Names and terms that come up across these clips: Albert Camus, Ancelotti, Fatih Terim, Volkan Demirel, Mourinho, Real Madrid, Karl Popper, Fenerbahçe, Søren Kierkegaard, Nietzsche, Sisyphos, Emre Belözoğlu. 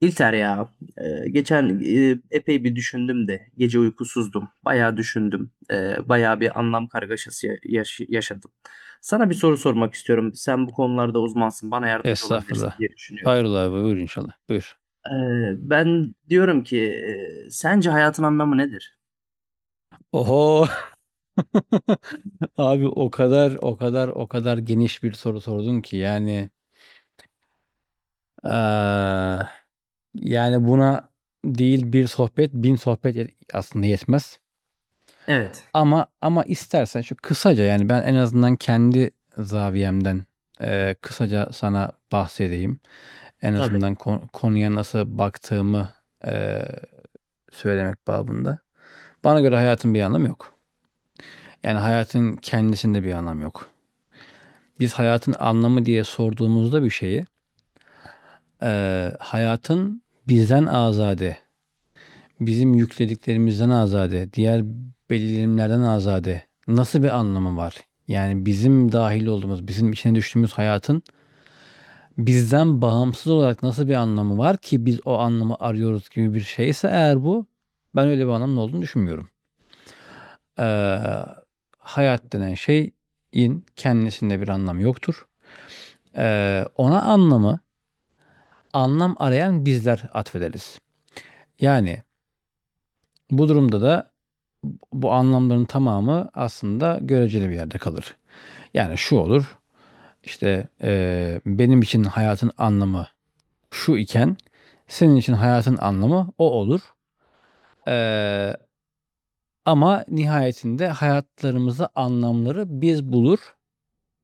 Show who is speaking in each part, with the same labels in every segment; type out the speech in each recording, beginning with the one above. Speaker 1: İlter ya, geçen epey bir düşündüm de gece uykusuzdum. Bayağı düşündüm. Bayağı bir anlam kargaşası yaşadım. Sana bir soru sormak istiyorum. Sen bu konularda uzmansın. Bana yardımcı olabilirsin
Speaker 2: Estağfurullah.
Speaker 1: diye düşünüyorum.
Speaker 2: Hayrola abi, buyur inşallah. Buyur.
Speaker 1: E, Ben diyorum ki sence hayatın anlamı nedir?
Speaker 2: Oho. Abi o kadar o kadar o kadar geniş bir soru sordun ki, yani eee, yani buna değil bir sohbet, bin sohbet aslında yetmez.
Speaker 1: Evet.
Speaker 2: Ama istersen şu kısaca, yani ben en azından kendi zaviyemden kısaca sana bahsedeyim. En
Speaker 1: Tabii.
Speaker 2: azından konuya nasıl baktığımı eee, söylemek babında. Bana göre hayatın bir anlamı yok. Yani hayatın kendisinde bir anlam yok. Biz hayatın anlamı diye sorduğumuzda bir şeyi, hayatın bizden azade, bizim yüklediklerimizden azade, diğer belirlenimlerden azade nasıl bir anlamı var? Yani bizim dahil olduğumuz, bizim içine düştüğümüz hayatın bizden bağımsız olarak nasıl bir anlamı var ki biz o anlamı arıyoruz gibi bir şeyse eğer bu, ben öyle bir anlamın olduğunu düşünmüyorum. Eee, hayat denen şeyin kendisinde bir anlam yoktur. Ona anlamı, anlam arayan bizler atfederiz. Yani bu durumda da bu anlamların tamamı aslında göreceli bir yerde kalır. Yani şu olur, işte benim için hayatın anlamı şu iken senin için hayatın anlamı o olur. Ee, ama nihayetinde hayatlarımızda anlamları biz bulur,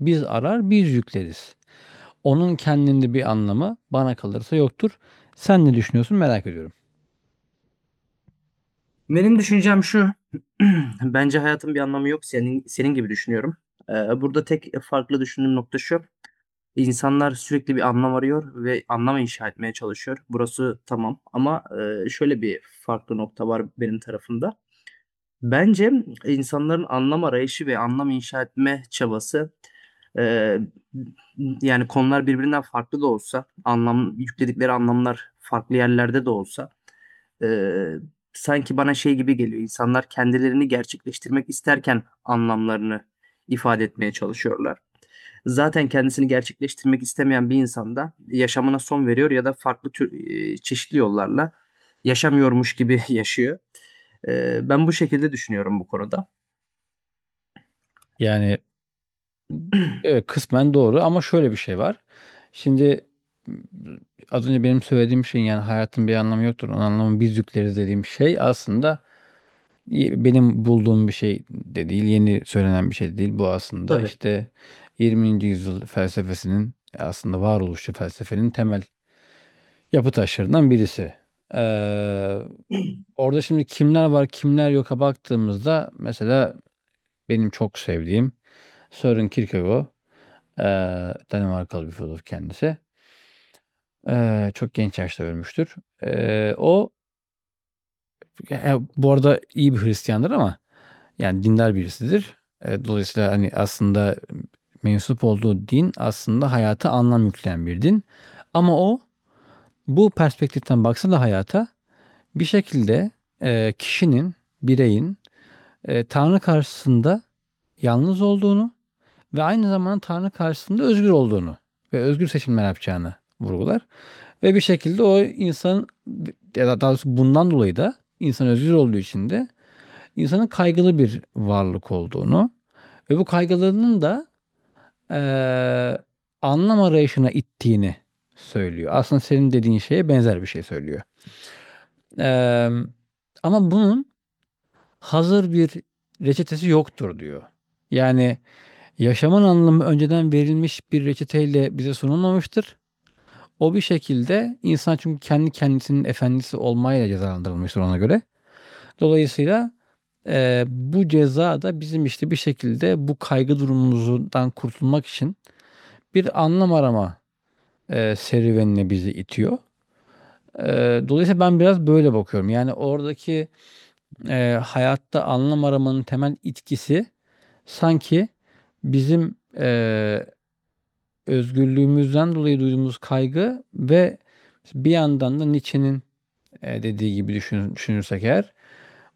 Speaker 2: biz arar, biz yükleriz. Onun kendinde bir anlamı bana kalırsa yoktur. Sen ne düşünüyorsun, merak ediyorum.
Speaker 1: Benim düşüncem şu. Bence hayatın bir anlamı yok. Senin gibi düşünüyorum. E, Burada tek farklı düşündüğüm nokta şu. İnsanlar sürekli bir anlam arıyor ve anlam inşa etmeye çalışıyor. Burası tamam ama şöyle bir farklı nokta var benim tarafımda. Bence insanların anlam arayışı ve anlam inşa etme çabası, eee, yani konular birbirinden farklı da olsa, anlam yükledikleri anlamlar farklı yerlerde de olsa, eee, sanki bana şey gibi geliyor. İnsanlar kendilerini gerçekleştirmek isterken anlamlarını ifade etmeye çalışıyorlar. Zaten kendisini gerçekleştirmek istemeyen bir insan da yaşamına son veriyor ya da farklı tür çeşitli yollarla yaşamıyormuş gibi yaşıyor. Ben bu şekilde düşünüyorum bu konuda.
Speaker 2: Yani evet, kısmen doğru ama şöyle bir şey var. Şimdi ımm, az önce benim söylediğim şeyin, yani, "Hayatın bir anlamı yoktur, onun anlamı biz yükleriz." dediğim şey aslında benim bulduğum bir şey de değil, yeni söylenen bir şey de değil. Bu aslında, işte, 20. yüzyıl felsefesinin, aslında varoluşçu felsefenin temel yapı taşlarından birisi. Eee, orada şimdi kimler var, kimler yoka baktığımızda, mesela benim çok sevdiğim Søren Kierkegaard. Danimarkalı bir filozof kendisi. Çok genç yaşta ölmüştür. O, ya, bu arada iyi bir Hristiyandır ama, yani dindar birisidir. Dolayısıyla hani aslında mensup olduğu din aslında hayata anlam yükleyen bir din. Ama o bu perspektiften baksa da hayata bir şekilde kişinin, bireyin Tanrı karşısında yalnız olduğunu ve aynı zamanda Tanrı karşısında özgür olduğunu ve özgür seçimler yapacağını vurgular. Ve bir şekilde o insan, ya da daha doğrusu bundan dolayı da insan özgür olduğu için de insanın kaygılı bir varlık olduğunu ve bu kaygılarının da eee, anlam arayışına ittiğini söylüyor. Aslında senin dediğin şeye benzer bir şey söylüyor. Eee, ama bunun hazır bir reçetesi yoktur diyor. Yani yaşamın anlamı önceden verilmiş bir reçeteyle bize sunulmamıştır. O bir şekilde insan, çünkü kendi kendisinin efendisi olmayla cezalandırılmıştır ona göre. Dolayısıyla bu ceza da bizim işte bir şekilde bu kaygı durumumuzdan kurtulmak için bir anlam arama serüvenine bizi itiyor. Dolayısıyla ben biraz böyle bakıyorum. Yani oradaki hayatta anlam aramanın temel itkisi sanki bizim özgürlüğümüzden dolayı duyduğumuz kaygı ve bir yandan da Nietzsche'nin dediği gibi düşünürsek eğer.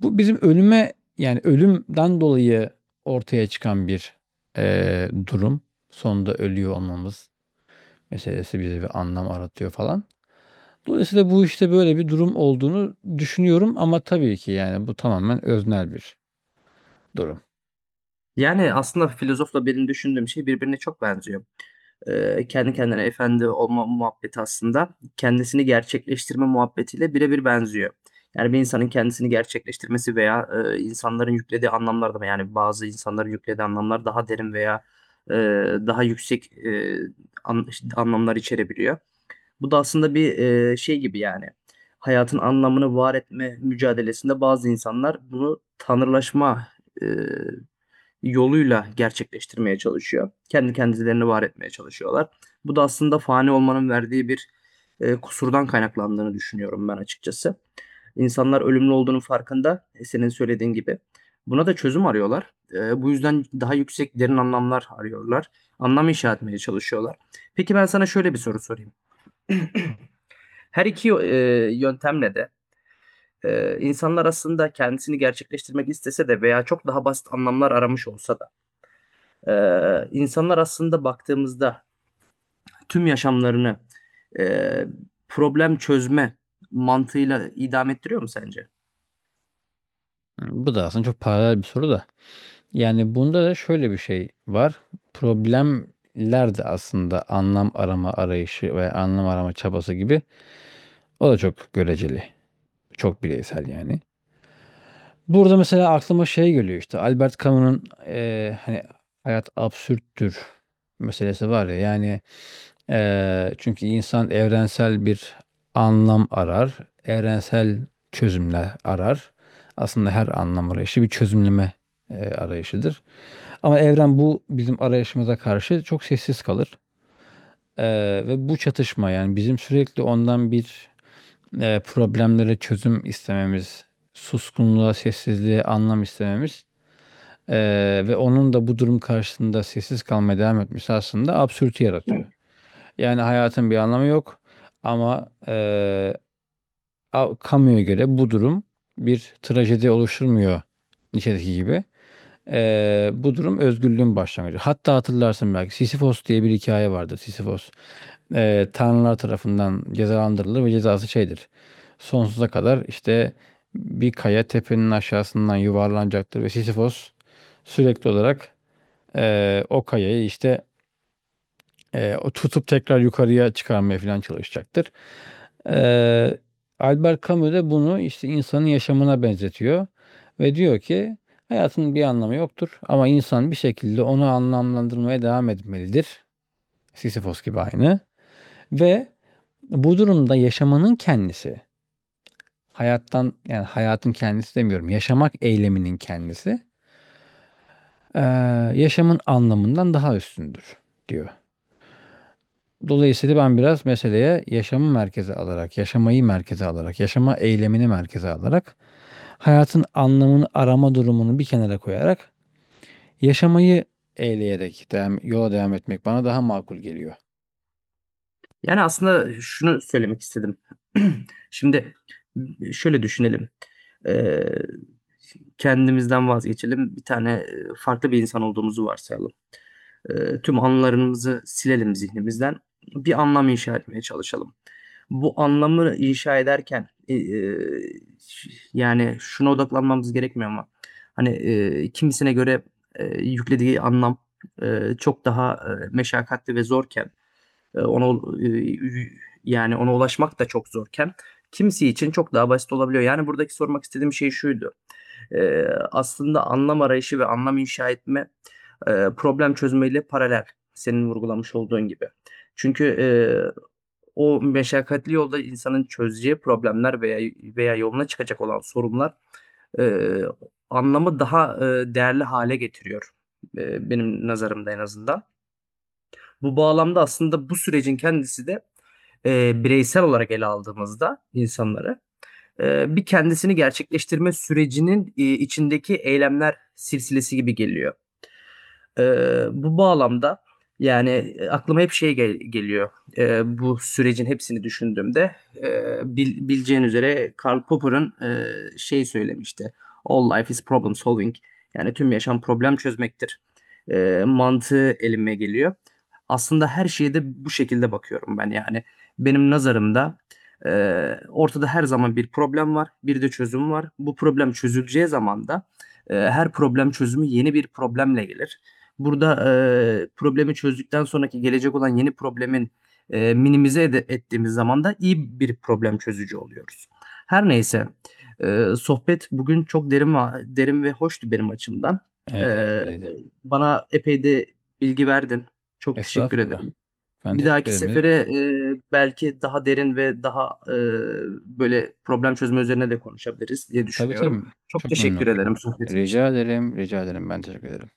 Speaker 2: Bu bizim ölüme, yani ölümden dolayı ortaya çıkan bir durum. Sonunda ölüyor olmamız meselesi bize bir anlam aratıyor falan. Dolayısıyla bu işte böyle bir durum olduğunu düşünüyorum ama tabii ki yani bu tamamen öznel bir durum.
Speaker 1: Yani aslında filozofla benim düşündüğüm şey birbirine çok benziyor. Kendi kendine efendi olma muhabbeti aslında kendisini gerçekleştirme muhabbetiyle birebir benziyor. Yani bir insanın kendisini gerçekleştirmesi veya, insanların yüklediği anlamlar da yani bazı insanların yüklediği anlamlar daha derin veya, daha yüksek, an işte, anlamlar içerebiliyor. Bu da aslında bir, şey gibi yani hayatın anlamını var etme mücadelesinde bazı insanlar bunu tanrılaşma, eee yoluyla gerçekleştirmeye çalışıyor. Kendi kendilerini var etmeye çalışıyorlar. Bu da aslında fani olmanın verdiği bir kusurdan kaynaklandığını düşünüyorum ben açıkçası. İnsanlar ölümlü olduğunun farkında, senin söylediğin gibi. Buna da çözüm arıyorlar. Bu yüzden daha yüksek, derin anlamlar arıyorlar. Anlam inşa etmeye çalışıyorlar. Peki ben sana şöyle bir soru sorayım. Her iki yöntemle de insanlar aslında kendisini gerçekleştirmek istese de veya çok daha basit anlamlar aramış olsa da insanlar aslında baktığımızda tüm yaşamlarını e, problem çözme mantığıyla idame ettiriyor mu sence?
Speaker 2: Bu da aslında çok paralel bir soru da. Yani bunda da şöyle bir şey var. Problemler de aslında anlam arama arayışı veya anlam arama çabası gibi, o da çok göreceli. Çok bireysel yani. Burada mesela aklıma şey geliyor, işte Albert Camus'un hani hayat absürttür meselesi var ya, yani çünkü insan evrensel bir anlam arar, evrensel çözümler arar. Aslında her anlam arayışı bir çözümleme arayışıdır. Ama evren bu bizim arayışımıza karşı çok sessiz kalır. Ve bu çatışma, yani bizim sürekli ondan bir problemlere çözüm istememiz, suskunluğa, sessizliğe anlam istememiz, ve onun da bu durum karşısında sessiz kalmaya devam etmesi aslında absürtü yaratıyor. Yani hayatın bir anlamı yok ama, kamuya göre bu durum bir trajedi oluşturmuyor, Nietzsche'deki gibi. Bu durum özgürlüğün başlangıcı. Hatta hatırlarsın belki, Sisyphos diye bir hikaye vardı. Sisyphos tanrılar tarafından cezalandırılır ve cezası şeydir, sonsuza kadar, işte, bir kaya tepenin aşağısından yuvarlanacaktır ve Sisyphos sürekli olarak, o kayayı, işte, o tutup tekrar yukarıya çıkarmaya filan çalışacaktır. Eee, Albert Camus de bunu, işte, insanın yaşamına benzetiyor ve diyor ki hayatın bir anlamı yoktur ama insan bir şekilde onu anlamlandırmaya devam etmelidir. Sisyphos gibi aynı. Ve bu durumda yaşamanın kendisi, hayattan, yani, hayatın kendisi demiyorum, yaşamak eyleminin kendisi, eee, yaşamın anlamından daha üstündür diyor. Dolayısıyla ben biraz meseleye yaşamı merkeze alarak, yaşamayı merkeze alarak, yaşama eylemini merkeze alarak, hayatın anlamını arama durumunu bir kenara koyarak, yaşamayı eyleyerek yola devam etmek bana daha makul geliyor.
Speaker 1: Yani aslında şunu söylemek istedim. Şimdi şöyle düşünelim. Ee, Kendimizden vazgeçelim. Bir tane farklı bir insan olduğumuzu varsayalım. Tüm anılarımızı silelim zihnimizden. Bir anlam inşa etmeye çalışalım. Bu anlamı inşa ederken yani şuna odaklanmamız gerekmiyor ama hani kimisine göre yüklediği anlam çok daha meşakkatli ve zorken ona yani ona ulaşmak da çok zorken kimisi için çok daha basit olabiliyor. Yani buradaki sormak istediğim şey şuydu. E, Aslında anlam arayışı ve anlam inşa etme problem çözmeyle paralel senin vurgulamış olduğun gibi. Çünkü, o meşakkatli yolda insanın çözeceği problemler veya yoluna çıkacak olan sorunlar, eee, anlamı daha, değerli hale getiriyor, benim nazarımda en azından. Bu bağlamda aslında bu sürecin kendisi de, bireysel olarak ele aldığımızda insanları, bir kendisini gerçekleştirme sürecinin, içindeki eylemler silsilesi gibi geliyor. Bu bağlamda, yani, aklıma hep şey geliyor, bu sürecin hepsini düşündüğümde, bileceğin üzere Karl Popper'ın, şey söylemişti, "All life is problem solving." Yani, "Tüm yaşam problem çözmektir." Mantığı elime geliyor. Aslında her şeye de bu şekilde bakıyorum ben, yani. Benim nazarımda, ortada her zaman bir problem var, bir de çözüm var. Bu problem çözüleceği zaman da, her problem çözümü yeni bir problemle gelir. Burada, problemi çözdükten sonraki gelecek olan yeni problemin, minimize ettiğimiz zaman da iyi bir problem çözücü oluyoruz. Her neyse, sohbet bugün çok derin ve hoştu benim açımdan.
Speaker 2: Evet, evet
Speaker 1: Eee,
Speaker 2: öyleydi.
Speaker 1: Bana epey de bilgi verdin. Çok teşekkür
Speaker 2: Estağfurullah.
Speaker 1: ederim.
Speaker 2: Ben
Speaker 1: Bir
Speaker 2: teşekkür
Speaker 1: dahaki
Speaker 2: ederim. Ne demek.
Speaker 1: sefere, belki daha derin ve daha, böyle problem çözme üzerine de konuşabiliriz diye
Speaker 2: Tabii tabii.
Speaker 1: düşünüyorum. Çok
Speaker 2: Çok memnun
Speaker 1: teşekkür
Speaker 2: olurum.
Speaker 1: ederim sohbetin
Speaker 2: Rica
Speaker 1: için.
Speaker 2: ederim, rica ederim. Ben teşekkür ederim.